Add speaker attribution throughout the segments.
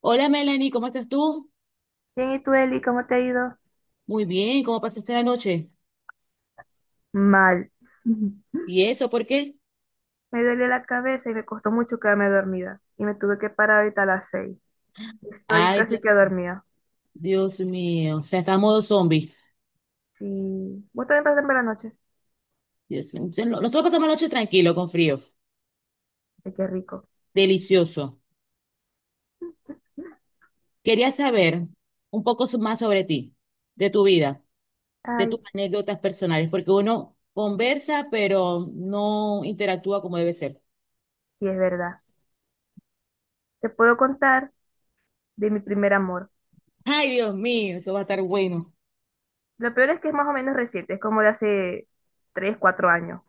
Speaker 1: Hola Melanie, ¿cómo estás tú?
Speaker 2: Bien, ¿y tú, Eli, cómo te ha ido?
Speaker 1: Muy bien, ¿cómo pasaste la noche?
Speaker 2: Mal.
Speaker 1: ¿Y eso por qué?
Speaker 2: Me duele la cabeza y me costó mucho quedarme dormida. Y me tuve que parar ahorita a las 6. Estoy
Speaker 1: Ay,
Speaker 2: casi que
Speaker 1: Dios,
Speaker 2: dormida.
Speaker 1: Dios mío, o sea, está a modo zombie.
Speaker 2: Sí. ¿Vos también pasaste por la noche?
Speaker 1: Dios mío. Entonces, nosotros pasamos la noche tranquilo, con frío,
Speaker 2: Ay, qué rico.
Speaker 1: delicioso. Quería saber un poco más sobre ti, de tu vida, de tus
Speaker 2: Ay,
Speaker 1: anécdotas personales, porque uno conversa, pero no interactúa como debe ser.
Speaker 2: sí, es verdad. Te puedo contar de mi primer amor.
Speaker 1: Ay, Dios mío, eso va a estar bueno.
Speaker 2: Lo peor es que es más o menos reciente, es como de hace 3, 4 años.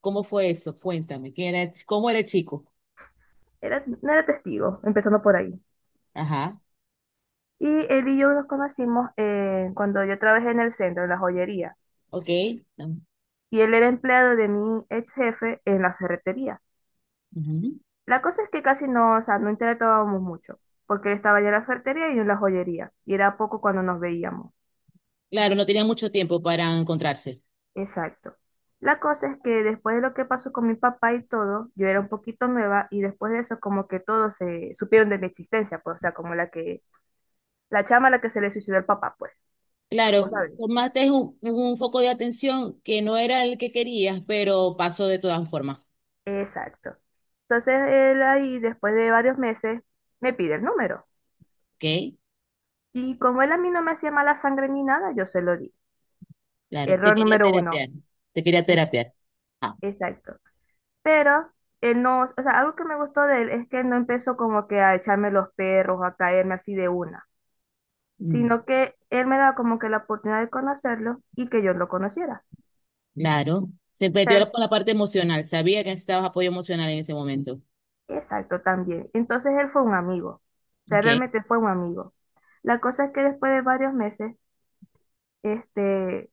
Speaker 1: ¿Cómo fue eso? Cuéntame, ¿quién era, el cómo era el chico?
Speaker 2: Era, no era testigo, empezando por ahí.
Speaker 1: Ajá,
Speaker 2: Y él y yo nos conocimos cuando yo trabajé en el centro, en la joyería.
Speaker 1: ok.
Speaker 2: Y él era empleado de mi ex jefe en la ferretería.
Speaker 1: Ujú.
Speaker 2: La cosa es que casi no, o sea, no interactuábamos mucho, porque él estaba ya en la ferretería y yo en la joyería, y era poco cuando nos veíamos.
Speaker 1: Claro, no tenía mucho tiempo para encontrarse.
Speaker 2: Exacto. La cosa es que después de lo que pasó con mi papá y todo, yo era un poquito nueva y después de eso como que todos se supieron de mi existencia, pues, o sea, como la que, la chama a la que se le suicidó el papá, pues, vos
Speaker 1: Claro,
Speaker 2: sabés.
Speaker 1: tomaste un foco de atención que no era el que querías, pero pasó de todas formas.
Speaker 2: Exacto. Entonces él ahí, después de varios meses, me pide el número.
Speaker 1: ¿Ok?
Speaker 2: Y como él a mí no me hacía mala sangre ni nada, yo se lo di.
Speaker 1: Claro, te
Speaker 2: Error
Speaker 1: quería
Speaker 2: número 1.
Speaker 1: terapiar. Te quería
Speaker 2: Es,
Speaker 1: terapiar. Ah,
Speaker 2: exacto. Pero él no, o sea, algo que me gustó de él es que él no empezó como que a echarme los perros, a caerme así de una,
Speaker 1: mm,
Speaker 2: sino que él me da como que la oportunidad de conocerlo y que yo lo conociera.
Speaker 1: claro. Se
Speaker 2: O sea,
Speaker 1: metió con la parte emocional. Sabía que necesitabas apoyo emocional en ese momento.
Speaker 2: exacto, también. Entonces él fue un amigo. O sea,
Speaker 1: ¿Ok?
Speaker 2: realmente fue un amigo. La cosa es que después de varios meses, este,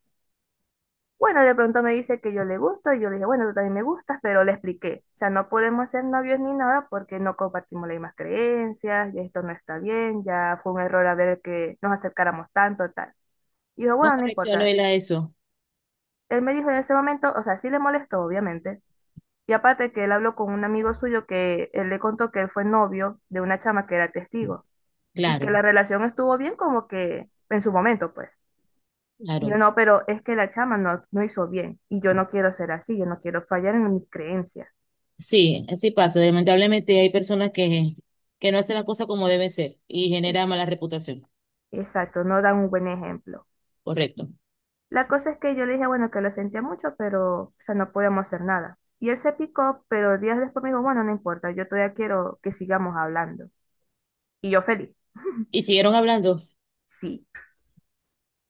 Speaker 2: bueno, de pronto me dice que yo le gusto y yo le dije, bueno, tú también me gustas, pero le expliqué. O sea, no podemos ser novios ni nada porque no compartimos las mismas creencias, y esto no está bien, ya fue un error haber que nos acercáramos tanto, tal. Y yo,
Speaker 1: ¿Cómo
Speaker 2: bueno, no
Speaker 1: reaccionó
Speaker 2: importa.
Speaker 1: él a eso?
Speaker 2: Él me dijo en ese momento, o sea, sí le molestó, obviamente. Y aparte que él habló con un amigo suyo que él le contó que él fue novio de una chama que era testigo y
Speaker 1: Claro,
Speaker 2: que la relación estuvo bien como que en su momento, pues. Y yo
Speaker 1: claro.
Speaker 2: no, pero es que la chama no, no hizo bien y yo no quiero ser así, yo no quiero fallar en mis creencias.
Speaker 1: Sí, así pasa. Lamentablemente hay que no hacen las cosas como deben ser y genera
Speaker 2: Es-
Speaker 1: mala reputación.
Speaker 2: exacto, no dan un buen ejemplo.
Speaker 1: Correcto.
Speaker 2: La cosa es que yo le dije, bueno, que lo sentía mucho, pero, o sea, no podíamos hacer nada. Y él se picó, pero días después me dijo, bueno, no importa, yo todavía quiero que sigamos hablando. Y yo feliz,
Speaker 1: Y siguieron hablando.
Speaker 2: sí.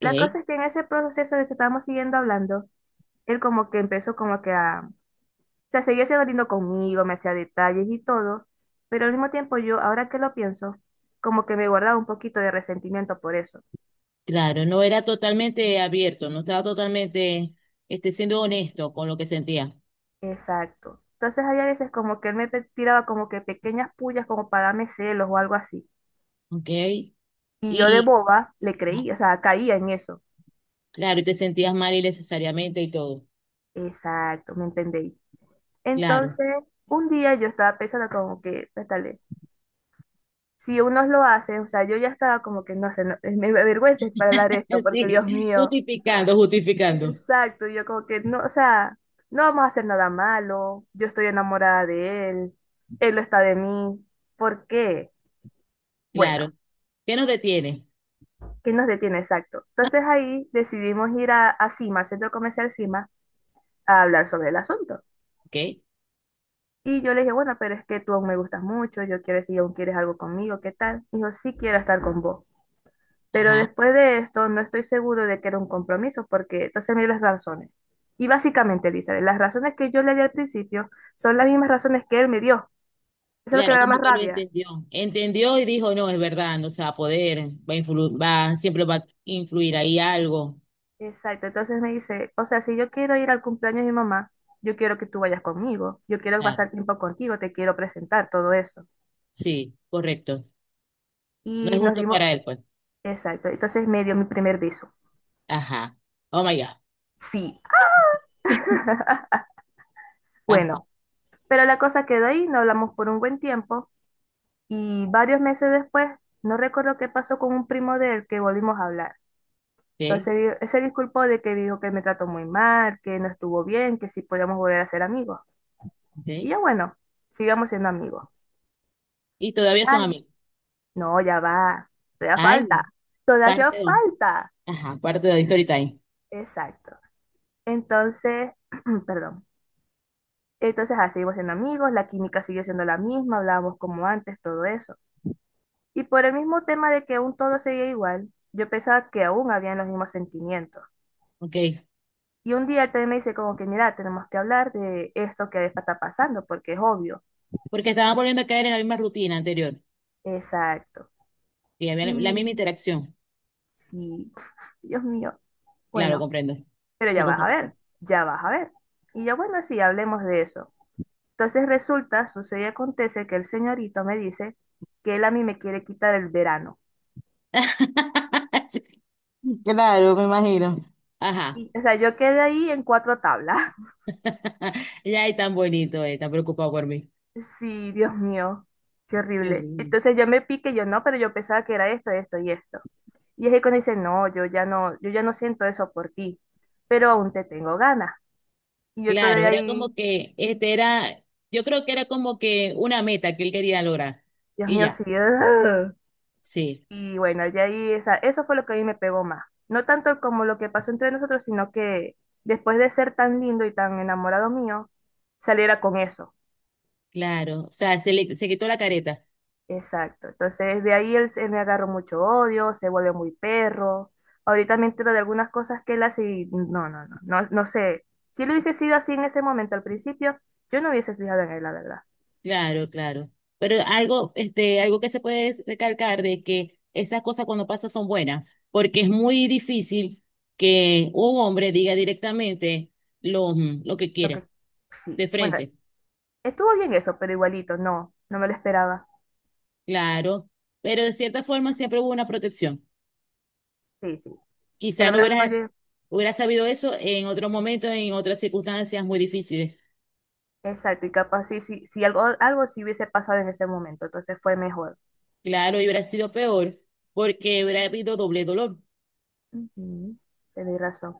Speaker 2: La cosa es que en ese proceso de que estábamos siguiendo hablando, él como que empezó como que a sea, seguía siendo lindo conmigo, me hacía detalles y todo, pero al mismo tiempo yo, ahora que lo pienso, como que me guardaba un poquito de resentimiento por eso.
Speaker 1: claro, no era totalmente abierto, no estaba totalmente siendo honesto con lo que sentía.
Speaker 2: Exacto. Entonces hay a veces como que él me tiraba como que pequeñas pullas como para darme celos o algo así.
Speaker 1: Ok,
Speaker 2: Y yo de
Speaker 1: y
Speaker 2: boba le
Speaker 1: ah,
Speaker 2: creí, o sea, caía en eso.
Speaker 1: claro, y te sentías mal innecesariamente y todo.
Speaker 2: Exacto, ¿me entendéis?
Speaker 1: Claro,
Speaker 2: Entonces, un día yo estaba pensando como que, pétale, si unos lo hacen, o sea, yo ya estaba como que, no sé, me avergüenza para hablar esto, porque Dios
Speaker 1: sí,
Speaker 2: mío.
Speaker 1: justificando, justificando.
Speaker 2: Exacto, yo como que no, o sea, no vamos a hacer nada malo, yo estoy enamorada de él, él lo está de mí, ¿por qué?
Speaker 1: Claro,
Speaker 2: Bueno,
Speaker 1: ¿qué nos detiene?
Speaker 2: ¿qué nos detiene exacto? Entonces ahí decidimos ir a Cima, al centro comercial Cima, a hablar sobre el asunto.
Speaker 1: Ok,
Speaker 2: Y yo le dije, bueno, pero es que tú aún me gustas mucho, yo quiero, si aún quieres algo conmigo, ¿qué tal? Dijo, sí quiero estar con vos. Pero
Speaker 1: ajá,
Speaker 2: después de esto, no estoy seguro de que era un compromiso, porque entonces me dio las razones. Y básicamente, Elizabeth, las razones que yo le di al principio son las mismas razones que él me dio. Eso es lo que
Speaker 1: claro,
Speaker 2: me da
Speaker 1: como
Speaker 2: más
Speaker 1: que lo
Speaker 2: rabia.
Speaker 1: entendió. Entendió y dijo, no, es verdad, no se va a poder, va a va, siempre va a influir ahí algo.
Speaker 2: Exacto. Entonces me dice, o sea, si yo quiero ir al cumpleaños de mi mamá, yo quiero que tú vayas conmigo, yo quiero
Speaker 1: Claro,
Speaker 2: pasar tiempo contigo, te quiero presentar todo eso.
Speaker 1: sí, correcto. No
Speaker 2: Y
Speaker 1: es
Speaker 2: nos
Speaker 1: justo
Speaker 2: dimos,
Speaker 1: para él, pues.
Speaker 2: exacto. Entonces me dio mi primer beso.
Speaker 1: Ajá, oh my God.
Speaker 2: Sí.
Speaker 1: Ajá,
Speaker 2: Bueno, pero la cosa quedó ahí, no hablamos por un buen tiempo. Y varios meses después, no recuerdo qué pasó con un primo de él que volvimos a hablar.
Speaker 1: ok,
Speaker 2: Entonces él se disculpó de que dijo que me trató muy mal, que no estuvo bien, que si podíamos volver a ser amigos. Y
Speaker 1: ok.
Speaker 2: yo, bueno, sigamos siendo amigos.
Speaker 1: Y todavía son
Speaker 2: Ay,
Speaker 1: amigos.
Speaker 2: no, ya va. Todavía
Speaker 1: Ay,
Speaker 2: falta. Todavía
Speaker 1: parte dos.
Speaker 2: falta.
Speaker 1: Ajá, parte de Story Time.
Speaker 2: Exacto. Entonces, perdón. Entonces, así seguimos siendo amigos, la química siguió siendo la misma, hablábamos como antes, todo eso. Y por el mismo tema de que aún todo seguía igual, yo pensaba que aún habían los mismos sentimientos.
Speaker 1: Ok.
Speaker 2: Y un día él también me dice como que, mira, tenemos que hablar de esto que está pasando, porque es obvio.
Speaker 1: Porque estaba volviendo a caer en la misma rutina anterior.
Speaker 2: Exacto.
Speaker 1: Y había la misma
Speaker 2: Y
Speaker 1: interacción.
Speaker 2: sí, Dios mío,
Speaker 1: Claro,
Speaker 2: bueno,
Speaker 1: comprendo.
Speaker 2: pero
Speaker 1: Esa
Speaker 2: ya vas
Speaker 1: cosa
Speaker 2: a
Speaker 1: pasa.
Speaker 2: ver, ya vas a ver. Y yo, bueno, sí, hablemos de eso. Entonces resulta, sucede y acontece que el señorito me dice que él a mí me quiere quitar el verano.
Speaker 1: Claro, me imagino. Ajá.
Speaker 2: Y, o sea, yo quedé ahí en cuatro tablas.
Speaker 1: Ya es tan bonito, tan preocupado por mí.
Speaker 2: Sí, Dios mío, qué
Speaker 1: Qué
Speaker 2: horrible.
Speaker 1: horrible.
Speaker 2: Entonces yo me piqué, yo no, pero yo pensaba que era esto, esto y esto. Y es que cuando dice, no, yo ya no siento eso por ti, pero aún te tengo ganas. Y yo
Speaker 1: Claro,
Speaker 2: todavía
Speaker 1: era
Speaker 2: ahí,
Speaker 1: como yo creo que era como que una meta que él quería lograr.
Speaker 2: Dios
Speaker 1: Y
Speaker 2: mío,
Speaker 1: ya,
Speaker 2: sí. Ugh.
Speaker 1: sí,
Speaker 2: Y bueno, de ahí, eso fue lo que a mí me pegó más. No tanto como lo que pasó entre nosotros, sino que después de ser tan lindo y tan enamorado mío, saliera con eso.
Speaker 1: claro. O sea, se quitó la careta.
Speaker 2: Exacto. Entonces, de ahí él, me agarró mucho odio, se volvió muy perro. Ahorita me entero de algunas cosas que él hace y no, no, no, no, no sé. Si lo hubiese sido así en ese momento al principio, yo no hubiese fijado en él, la verdad.
Speaker 1: Claro, claro. Pero algo, algo que se puede recalcar de que esas cosas cuando pasan son buenas, porque es muy difícil que un hombre diga directamente lo, lo que
Speaker 2: Lo que
Speaker 1: quiere,
Speaker 2: sí.
Speaker 1: de
Speaker 2: Bueno,
Speaker 1: frente,
Speaker 2: estuvo bien eso, pero igualito, no, no me lo esperaba.
Speaker 1: claro. Pero de cierta forma siempre hubo una protección.
Speaker 2: Sí, sí. Por
Speaker 1: Quizás
Speaker 2: lo
Speaker 1: no
Speaker 2: menos no llegué.
Speaker 1: hubieras sabido eso en otro momento, en otras circunstancias muy difíciles.
Speaker 2: Exacto, y capaz sí, sí, sí, algo, algo sí hubiese pasado en ese momento, entonces fue mejor.
Speaker 1: Claro, y hubiera sido peor, porque hubiera habido doble dolor.
Speaker 2: Ujú. Tenéis razón.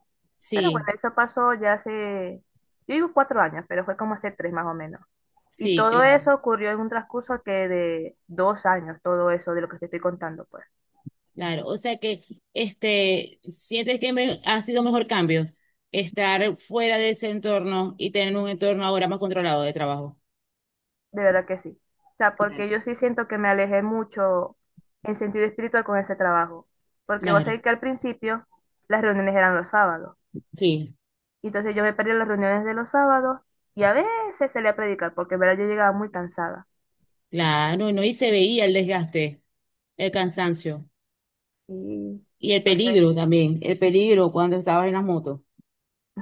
Speaker 2: Pero bueno,
Speaker 1: Sí,
Speaker 2: eso pasó ya hace, yo digo 4 años, pero fue como hace 3 más o menos. Y
Speaker 1: sí,
Speaker 2: todo
Speaker 1: claro.
Speaker 2: eso ocurrió en un transcurso que de 2 años, todo eso de lo que te estoy contando, pues.
Speaker 1: Claro, o sea que sientes que ha sido mejor cambio estar fuera de ese entorno y tener un entorno ahora más controlado de trabajo.
Speaker 2: De verdad que sí. O sea,
Speaker 1: Claro.
Speaker 2: porque yo sí siento que me alejé mucho en sentido espiritual con ese trabajo. Porque vos
Speaker 1: Claro,
Speaker 2: sabés que al principio las reuniones eran los sábados.
Speaker 1: sí,
Speaker 2: Y entonces yo me perdí las reuniones de los sábados y a veces salía a predicar, porque en verdad yo llegaba muy cansada.
Speaker 1: claro, no, y se veía el desgaste, el cansancio
Speaker 2: Y
Speaker 1: y el
Speaker 2: entonces,
Speaker 1: peligro también, el peligro cuando estabas en las motos.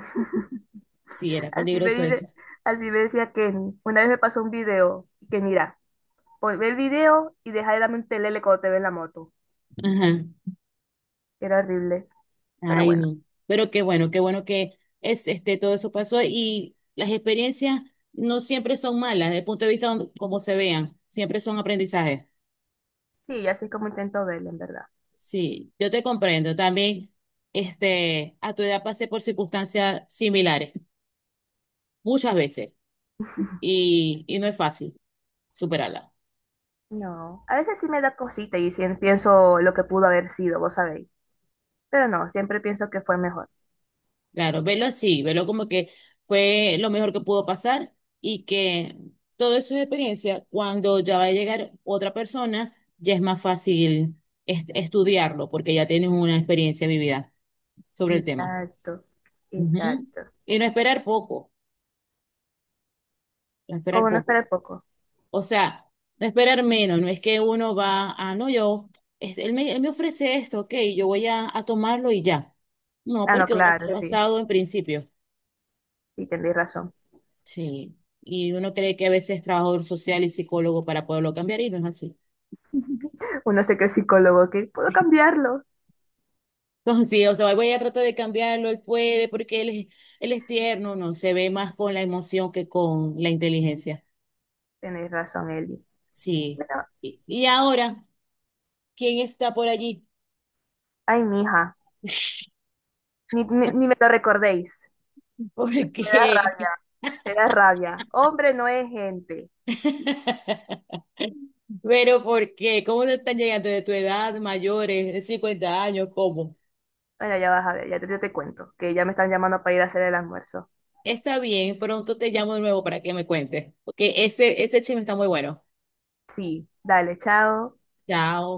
Speaker 1: Sí, era
Speaker 2: así me
Speaker 1: peligroso eso.
Speaker 2: dice, así me decía Kenny. Una vez me pasó un video que mira, pues ve el video y deja de la mente lele cuando te ve en la moto.
Speaker 1: Ajá.
Speaker 2: Era horrible. Pero
Speaker 1: Ay,
Speaker 2: bueno,
Speaker 1: no. Pero qué bueno que todo eso pasó y las experiencias no siempre son malas, desde el punto de vista como se vean, siempre son aprendizajes.
Speaker 2: sí, así es como intento verlo, en verdad.
Speaker 1: Sí, yo te comprendo. También, a tu edad pasé por circunstancias similares, muchas veces, y no es fácil superarlas.
Speaker 2: No. A veces sí me da cosita y sí pienso lo que pudo haber sido, vos sabéis. Pero no, siempre pienso que fue mejor.
Speaker 1: Claro, velo así, velo como que fue lo mejor que pudo pasar y que todo eso es experiencia, cuando ya va a llegar otra persona, ya es más fácil estudiarlo porque ya tienes una experiencia vivida sobre el tema.
Speaker 2: Exacto,
Speaker 1: Ujú.
Speaker 2: exacto.
Speaker 1: Y no esperar poco, no esperar
Speaker 2: Como no
Speaker 1: poco.
Speaker 2: esperar poco.
Speaker 1: O sea, no esperar menos, no es que uno va a, no, yo, él me ofrece esto, ok, yo voy a tomarlo y ya. No,
Speaker 2: Ah, no,
Speaker 1: porque uno
Speaker 2: claro,
Speaker 1: está
Speaker 2: sí.
Speaker 1: basado en principios.
Speaker 2: Sí, tenéis razón.
Speaker 1: Sí, y uno cree que a veces es trabajador social y psicólogo para poderlo cambiar y no es así.
Speaker 2: Uno sé que es psicólogo, que puedo cambiarlo.
Speaker 1: Entonces, sí, o sea, voy a tratar de cambiarlo, él puede, porque él es tierno, no, se ve más con la emoción que con la inteligencia.
Speaker 2: Tenéis razón, Eli.
Speaker 1: Sí.
Speaker 2: Bueno,
Speaker 1: Y ahora, ¿quién está por allí?
Speaker 2: ay, mija, ni me lo recordéis.
Speaker 1: ¿Por
Speaker 2: Me da
Speaker 1: qué?
Speaker 2: rabia, me da rabia. Hombre, no es gente.
Speaker 1: Pero ¿por qué? ¿Cómo te están llegando de tu edad, mayores, de 50 años? ¿Cómo?
Speaker 2: Bueno, ya vas a ver, yo te cuento, que ya me están llamando para ir a hacer el almuerzo.
Speaker 1: Está bien, pronto te llamo de nuevo para que me cuentes, porque ese chisme está muy bueno.
Speaker 2: Sí, dale, chao.
Speaker 1: Chao.